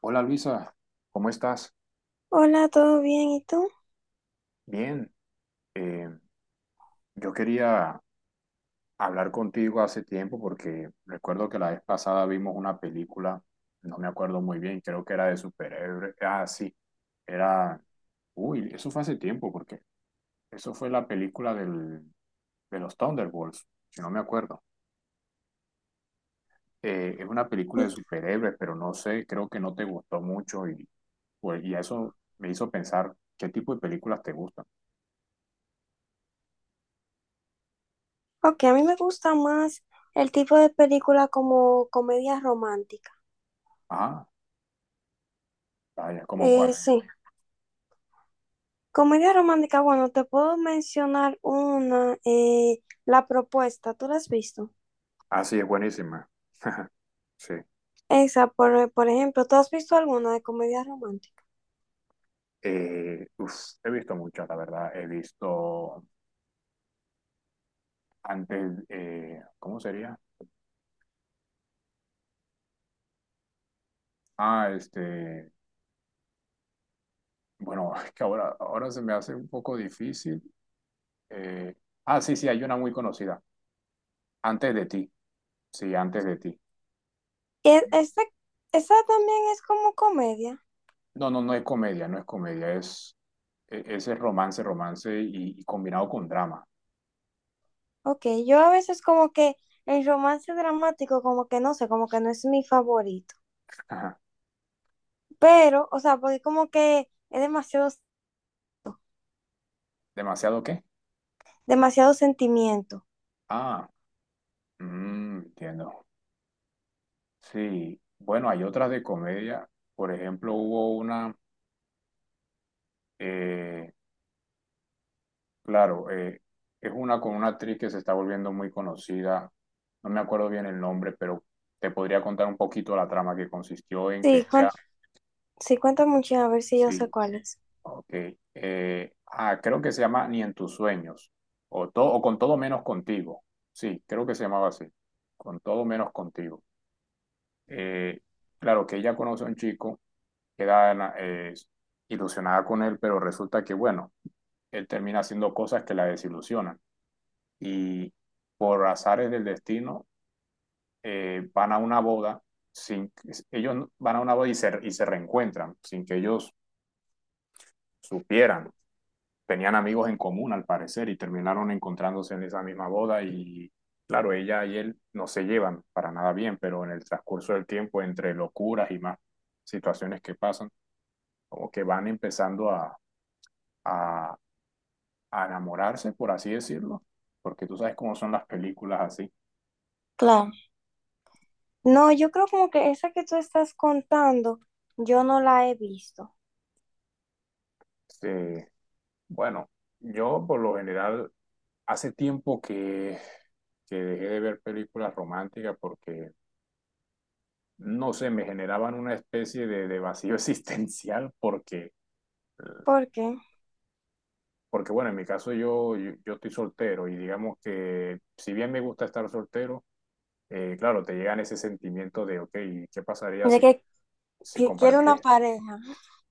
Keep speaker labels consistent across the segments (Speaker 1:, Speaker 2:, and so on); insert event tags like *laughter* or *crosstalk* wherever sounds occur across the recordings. Speaker 1: Hola Luisa, ¿cómo estás?
Speaker 2: Hola, ¿todo bien? ¿Y tú?
Speaker 1: Bien, eh, yo quería hablar contigo hace tiempo porque recuerdo que la vez pasada vimos una película, no me acuerdo muy bien, creo que era de superhéroes. Ah, sí, era... Uy, eso fue hace tiempo porque eso fue la película de los Thunderbolts, si no me acuerdo. Es una película de superhéroes, pero no sé, creo que no te gustó mucho pues, y eso me hizo pensar qué tipo de películas te gustan.
Speaker 2: Ok, a mí me gusta más el tipo de película como comedia romántica.
Speaker 1: Ah, vaya, ¿como cuál?
Speaker 2: Sí, comedia romántica, bueno, te puedo mencionar una, La Propuesta, ¿tú la has visto?
Speaker 1: Ah, sí, es buenísima. *laughs* Sí.
Speaker 2: Esa, por ejemplo, ¿tú has visto alguna de comedia romántica?
Speaker 1: Eh, uf, he visto muchas, la verdad. He visto antes, ¿cómo sería? Ah, bueno, *laughs* es que ahora se me hace un poco difícil. Eh, sí, sí, hay una muy conocida. Antes de ti. Sí, antes de ti.
Speaker 2: E- Esta, esa también es como comedia.
Speaker 1: No, no, no es comedia, no es comedia, es, ese romance, romance y combinado con drama.
Speaker 2: Ok, yo a veces como que el romance dramático como que no sé, como que no es mi favorito.
Speaker 1: *laughs* Ajá.
Speaker 2: Pero, o sea, porque como que es demasiado
Speaker 1: ¿Demasiado qué?
Speaker 2: demasiado sentimiento.
Speaker 1: Ah, mm, entiendo. Sí, bueno, hay otras de comedia. Por ejemplo, hubo una, eh, claro, es una con una actriz que se está volviendo muy conocida. No me acuerdo bien el nombre, pero te podría contar un poquito la trama que consistió en que
Speaker 2: Sí, cuen-
Speaker 1: ella,
Speaker 2: sí, cuenta mucho, a ver si yo sé
Speaker 1: sí,
Speaker 2: cuál es.
Speaker 1: ok. Creo que se llama Ni en tus sueños, o, o con todo menos contigo. Sí, creo que se llamaba así, con todo menos contigo. Eh, claro, que ella conoce a un chico queda ilusionada con él, pero resulta que, bueno, él termina haciendo cosas que la desilusionan. Y por azares del destino, van a una boda, sin, ellos van a una boda y se reencuentran, sin que ellos supieran. Tenían amigos en común, al parecer, y terminaron encontrándose en esa misma boda y claro, ella y él no se llevan para nada bien, pero en el transcurso del tiempo, entre locuras y más situaciones que pasan, como que van empezando a a enamorarse, por así decirlo, porque tú sabes cómo son las películas así.
Speaker 2: Claro. No, yo creo como que esa que tú estás contando, yo no la he visto.
Speaker 1: Este, bueno, yo por lo general hace tiempo que dejé de ver películas románticas porque, no sé, me generaban una especie de vacío *laughs* existencial porque,
Speaker 2: ¿Por qué?
Speaker 1: porque, bueno, en mi caso yo estoy soltero y digamos que si bien me gusta estar soltero, claro, te llegan ese sentimiento de, ok, ¿qué pasaría
Speaker 2: De
Speaker 1: si,
Speaker 2: que
Speaker 1: si
Speaker 2: quiere una
Speaker 1: compartes-
Speaker 2: pareja,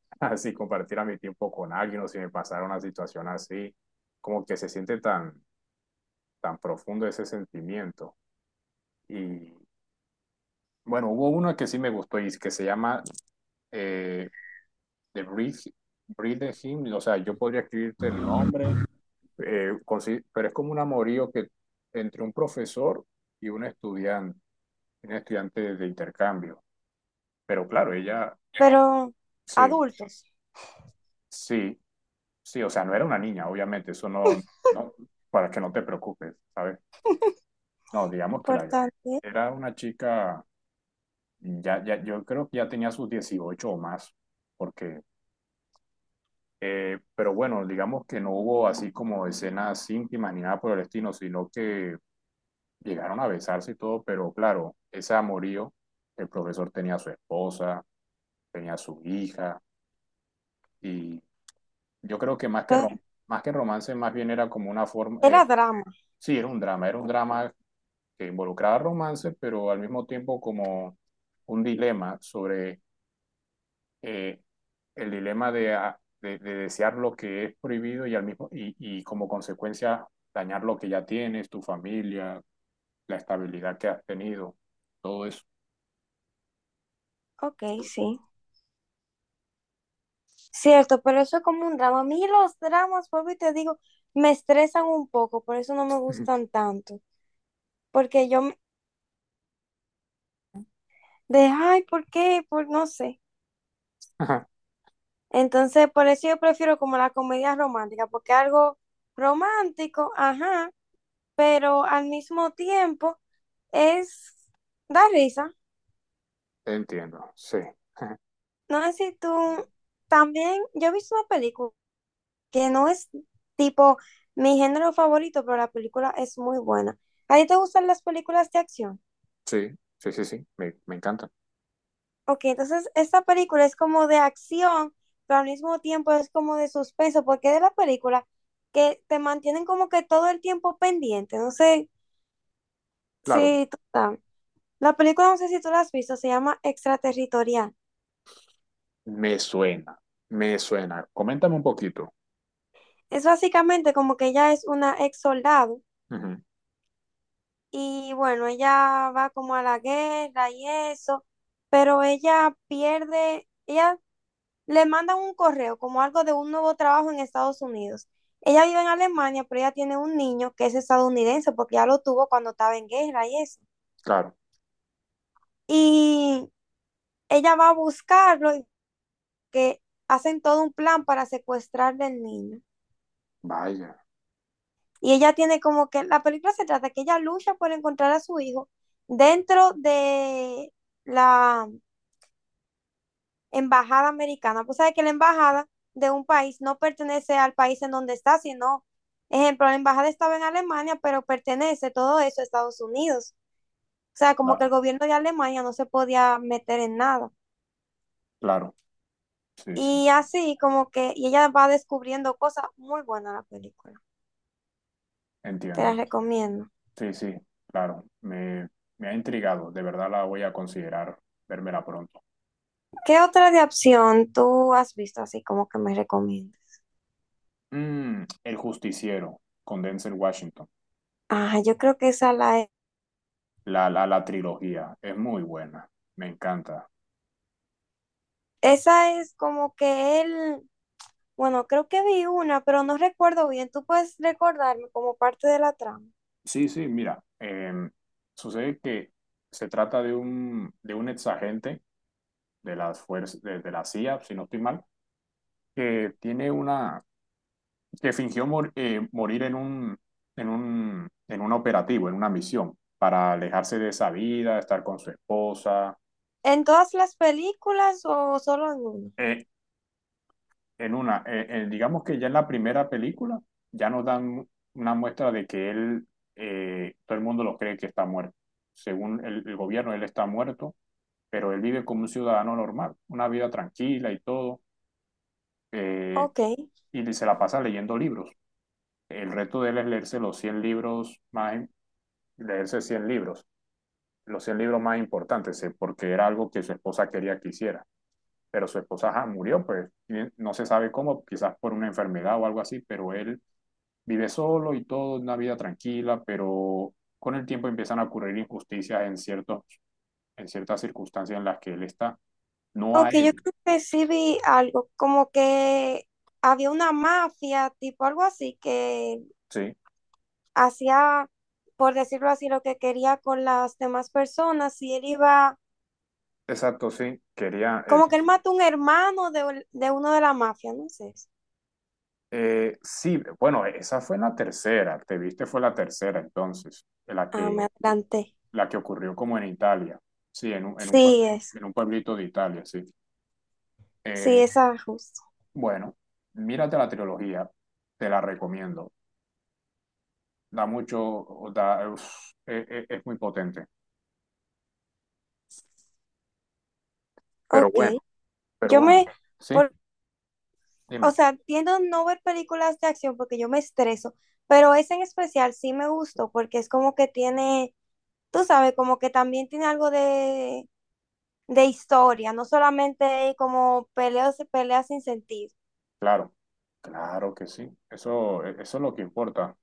Speaker 1: *laughs* si compartiera mi tiempo con alguien o si me pasara una situación así, como que se siente tan, tan profundo ese sentimiento. Y bueno, hubo una que sí me gustó y que se llama eh, The Breathe, Breathe Hymn, o sea, yo podría escribirte el nombre, pero es como un amorío que entre un profesor y un estudiante de intercambio. Pero claro, ella,
Speaker 2: pero
Speaker 1: sí,
Speaker 2: adultos.
Speaker 1: sí, sí, o sea, no era una niña, obviamente, eso no,
Speaker 2: *laughs*
Speaker 1: no, para que no te preocupes, ¿sabes? No, digamos que la,
Speaker 2: Importante.
Speaker 1: era una chica, ya, ya, yo creo que ya tenía sus 18 o más, porque, pero bueno, digamos que no hubo así como escenas íntimas ni nada por el estilo, sino que llegaron a besarse y todo, pero claro, ese amorío, el profesor tenía a su esposa, tenía a su hija, y yo creo que más
Speaker 2: Pero
Speaker 1: más que romance, más bien era como una forma,
Speaker 2: era drama.
Speaker 1: sí, era un drama que involucraba romance, pero al mismo tiempo como un dilema sobre eh, el dilema de, de desear lo que es prohibido y, y como consecuencia dañar lo que ya tienes, tu familia, la estabilidad que has tenido, todo eso.
Speaker 2: Ok, sí. Cierto, pero eso es como un drama. A mí los dramas, vuelvo y te digo, me estresan un poco, por eso no me
Speaker 1: Ujú.
Speaker 2: gustan tanto. Porque yo me- de, ay, ¿por qué? Por no sé.
Speaker 1: Ajá.
Speaker 2: Entonces, por eso yo prefiero como la comedia romántica, porque algo romántico, ajá, pero al mismo tiempo es da risa.
Speaker 1: Entiendo, sí. Ajá.
Speaker 2: No sé si tú también, yo he visto una película que no es tipo mi género favorito, pero la película es muy buena. ¿A ti te gustan las películas de acción?
Speaker 1: Sí, sí, sí, sí, me encanta.
Speaker 2: Ok, entonces esta película es como de acción, pero al mismo tiempo es como de suspenso, porque es de la película que te mantienen como que todo el tiempo pendiente. No sé
Speaker 1: Claro,
Speaker 2: si tú sabes. La película, no sé si tú la has visto, se llama Extraterritorial.
Speaker 1: me suena, me suena. Coméntame un poquito.
Speaker 2: Es básicamente como que ella es una ex soldado.
Speaker 1: Ujú.
Speaker 2: Y bueno, ella va como a la guerra y eso, pero ella pierde, ella le mandan un correo como algo de un nuevo trabajo en Estados Unidos. Ella vive en Alemania, pero ella tiene un niño que es estadounidense porque ya lo tuvo cuando estaba en guerra y eso.
Speaker 1: Claro,
Speaker 2: Y ella va a buscarlo y que hacen todo un plan para secuestrarle al niño.
Speaker 1: vaya,
Speaker 2: Y ella tiene como que, la película se trata que ella lucha por encontrar a su hijo dentro de la embajada americana. Pues sabe que la embajada de un país no pertenece al país en donde está, sino, ejemplo, la embajada estaba en Alemania, pero pertenece todo eso a Estados Unidos. O sea, como que el
Speaker 1: claro
Speaker 2: gobierno de Alemania no se podía meter en nada.
Speaker 1: claro, sí, sí,
Speaker 2: Y así como que y ella va descubriendo cosas muy buenas en la película. Te
Speaker 1: entiendo.
Speaker 2: las recomiendo.
Speaker 1: Sí, sí, claro, me ha intrigado, de verdad la voy a considerar, vérmela pronto.
Speaker 2: ¿Qué otra de acción tú has visto así como que me recomiendas?
Speaker 1: Mm, El Justiciero con Denzel Washington.
Speaker 2: Ah, yo creo que esa la es.
Speaker 1: La trilogía es muy buena, me encanta.
Speaker 2: Esa es como que él bueno, creo que vi una, pero no recuerdo bien. ¿Tú puedes recordarme como parte de la trama?
Speaker 1: Sí, sí, mira, sucede que se trata de un exagente de las fuerzas, de la CIA, si no estoy mal, que tiene una, que fingió morir en un, en un, en un operativo, en una misión, para alejarse de esa vida, estar con su esposa.
Speaker 2: ¿En todas las películas o solo en una?
Speaker 1: Eh, en una, digamos que ya en la primera película ya nos dan una muestra de que él, todo el mundo lo cree que está muerto. Según el gobierno, él está muerto, pero él vive como un ciudadano normal, una vida tranquila y todo, eh,
Speaker 2: Ok.
Speaker 1: y se la pasa leyendo libros. El reto de él es leerse los 100 libros más, leerse 100 libros, los 100 libros más importantes, porque era algo que su esposa quería que hiciera. Pero su esposa ajá, murió, pues no se sabe cómo, quizás por una enfermedad o algo así, pero él vive solo y todo, una vida tranquila, pero con el tiempo empiezan a ocurrir injusticias en ciertos, en ciertas circunstancias en las que él está, no a
Speaker 2: Ok, yo
Speaker 1: él.
Speaker 2: creo que sí vi algo, como que había una mafia, tipo algo así, que
Speaker 1: Sí,
Speaker 2: hacía, por decirlo así, lo que quería con las demás personas y él iba,
Speaker 1: exacto, sí. Quería.
Speaker 2: como que él mató un hermano de uno de la mafia, no sé.
Speaker 1: Sí, bueno, esa fue la tercera. Te viste, fue la tercera entonces,
Speaker 2: Ah, me adelanté.
Speaker 1: la que ocurrió como en Italia. Sí,
Speaker 2: Sí, eso.
Speaker 1: en un pueblito de Italia, sí.
Speaker 2: Sí,
Speaker 1: Eh,
Speaker 2: esa justo.
Speaker 1: bueno, mírate la trilogía, te la recomiendo. Da mucho, da, uf, es muy potente. Pero
Speaker 2: Ok.
Speaker 1: bueno, pero
Speaker 2: Yo
Speaker 1: bueno,
Speaker 2: me...
Speaker 1: sí,
Speaker 2: O
Speaker 1: dime.
Speaker 2: sea, tiendo a no ver películas de acción porque yo me estreso, pero esa en especial sí me gustó porque es como que tiene, tú sabes, como que también tiene algo de historia, no solamente como peleas, peleas sin sentido.
Speaker 1: Claro, claro que sí. Eso, eso es lo que importa.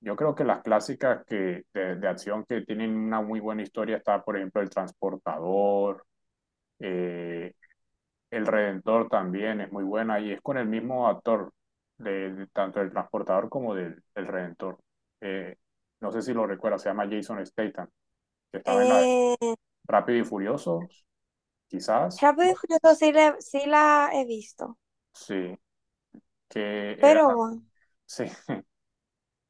Speaker 1: Yo creo que las clásicas que, de acción que tienen una muy buena historia está, por ejemplo, El Transportador, eh, El Redentor también es muy buena y es con el mismo actor, de tanto del Transportador como del Redentor. Eh, no sé si lo recuerdas, se llama Jason Statham, que estaba en la
Speaker 2: Eh,
Speaker 1: Rápido y Furioso, quizás,
Speaker 2: Rápido
Speaker 1: ¿no?
Speaker 2: y Furioso sí, sí la he visto,
Speaker 1: Sí, que era,
Speaker 2: pero bueno,
Speaker 1: sí,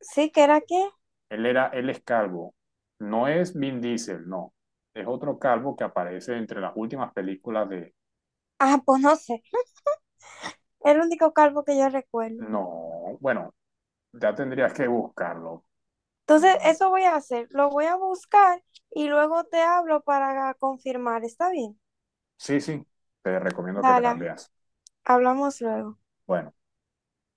Speaker 2: sí que era que,
Speaker 1: él era, él es calvo. No es Vin Diesel, no. Es otro calvo que aparece entre las últimas películas de...
Speaker 2: ah, pues no sé, el único calvo que yo recuerdo.
Speaker 1: No, bueno, ya tendrías que buscarlo.
Speaker 2: Entonces,
Speaker 1: Mm,
Speaker 2: eso voy a hacer, lo voy a buscar y luego te hablo para confirmar, ¿está bien?
Speaker 1: sí, sí, te recomiendo que te las
Speaker 2: Dale,
Speaker 1: veas.
Speaker 2: hablamos luego.
Speaker 1: Bueno.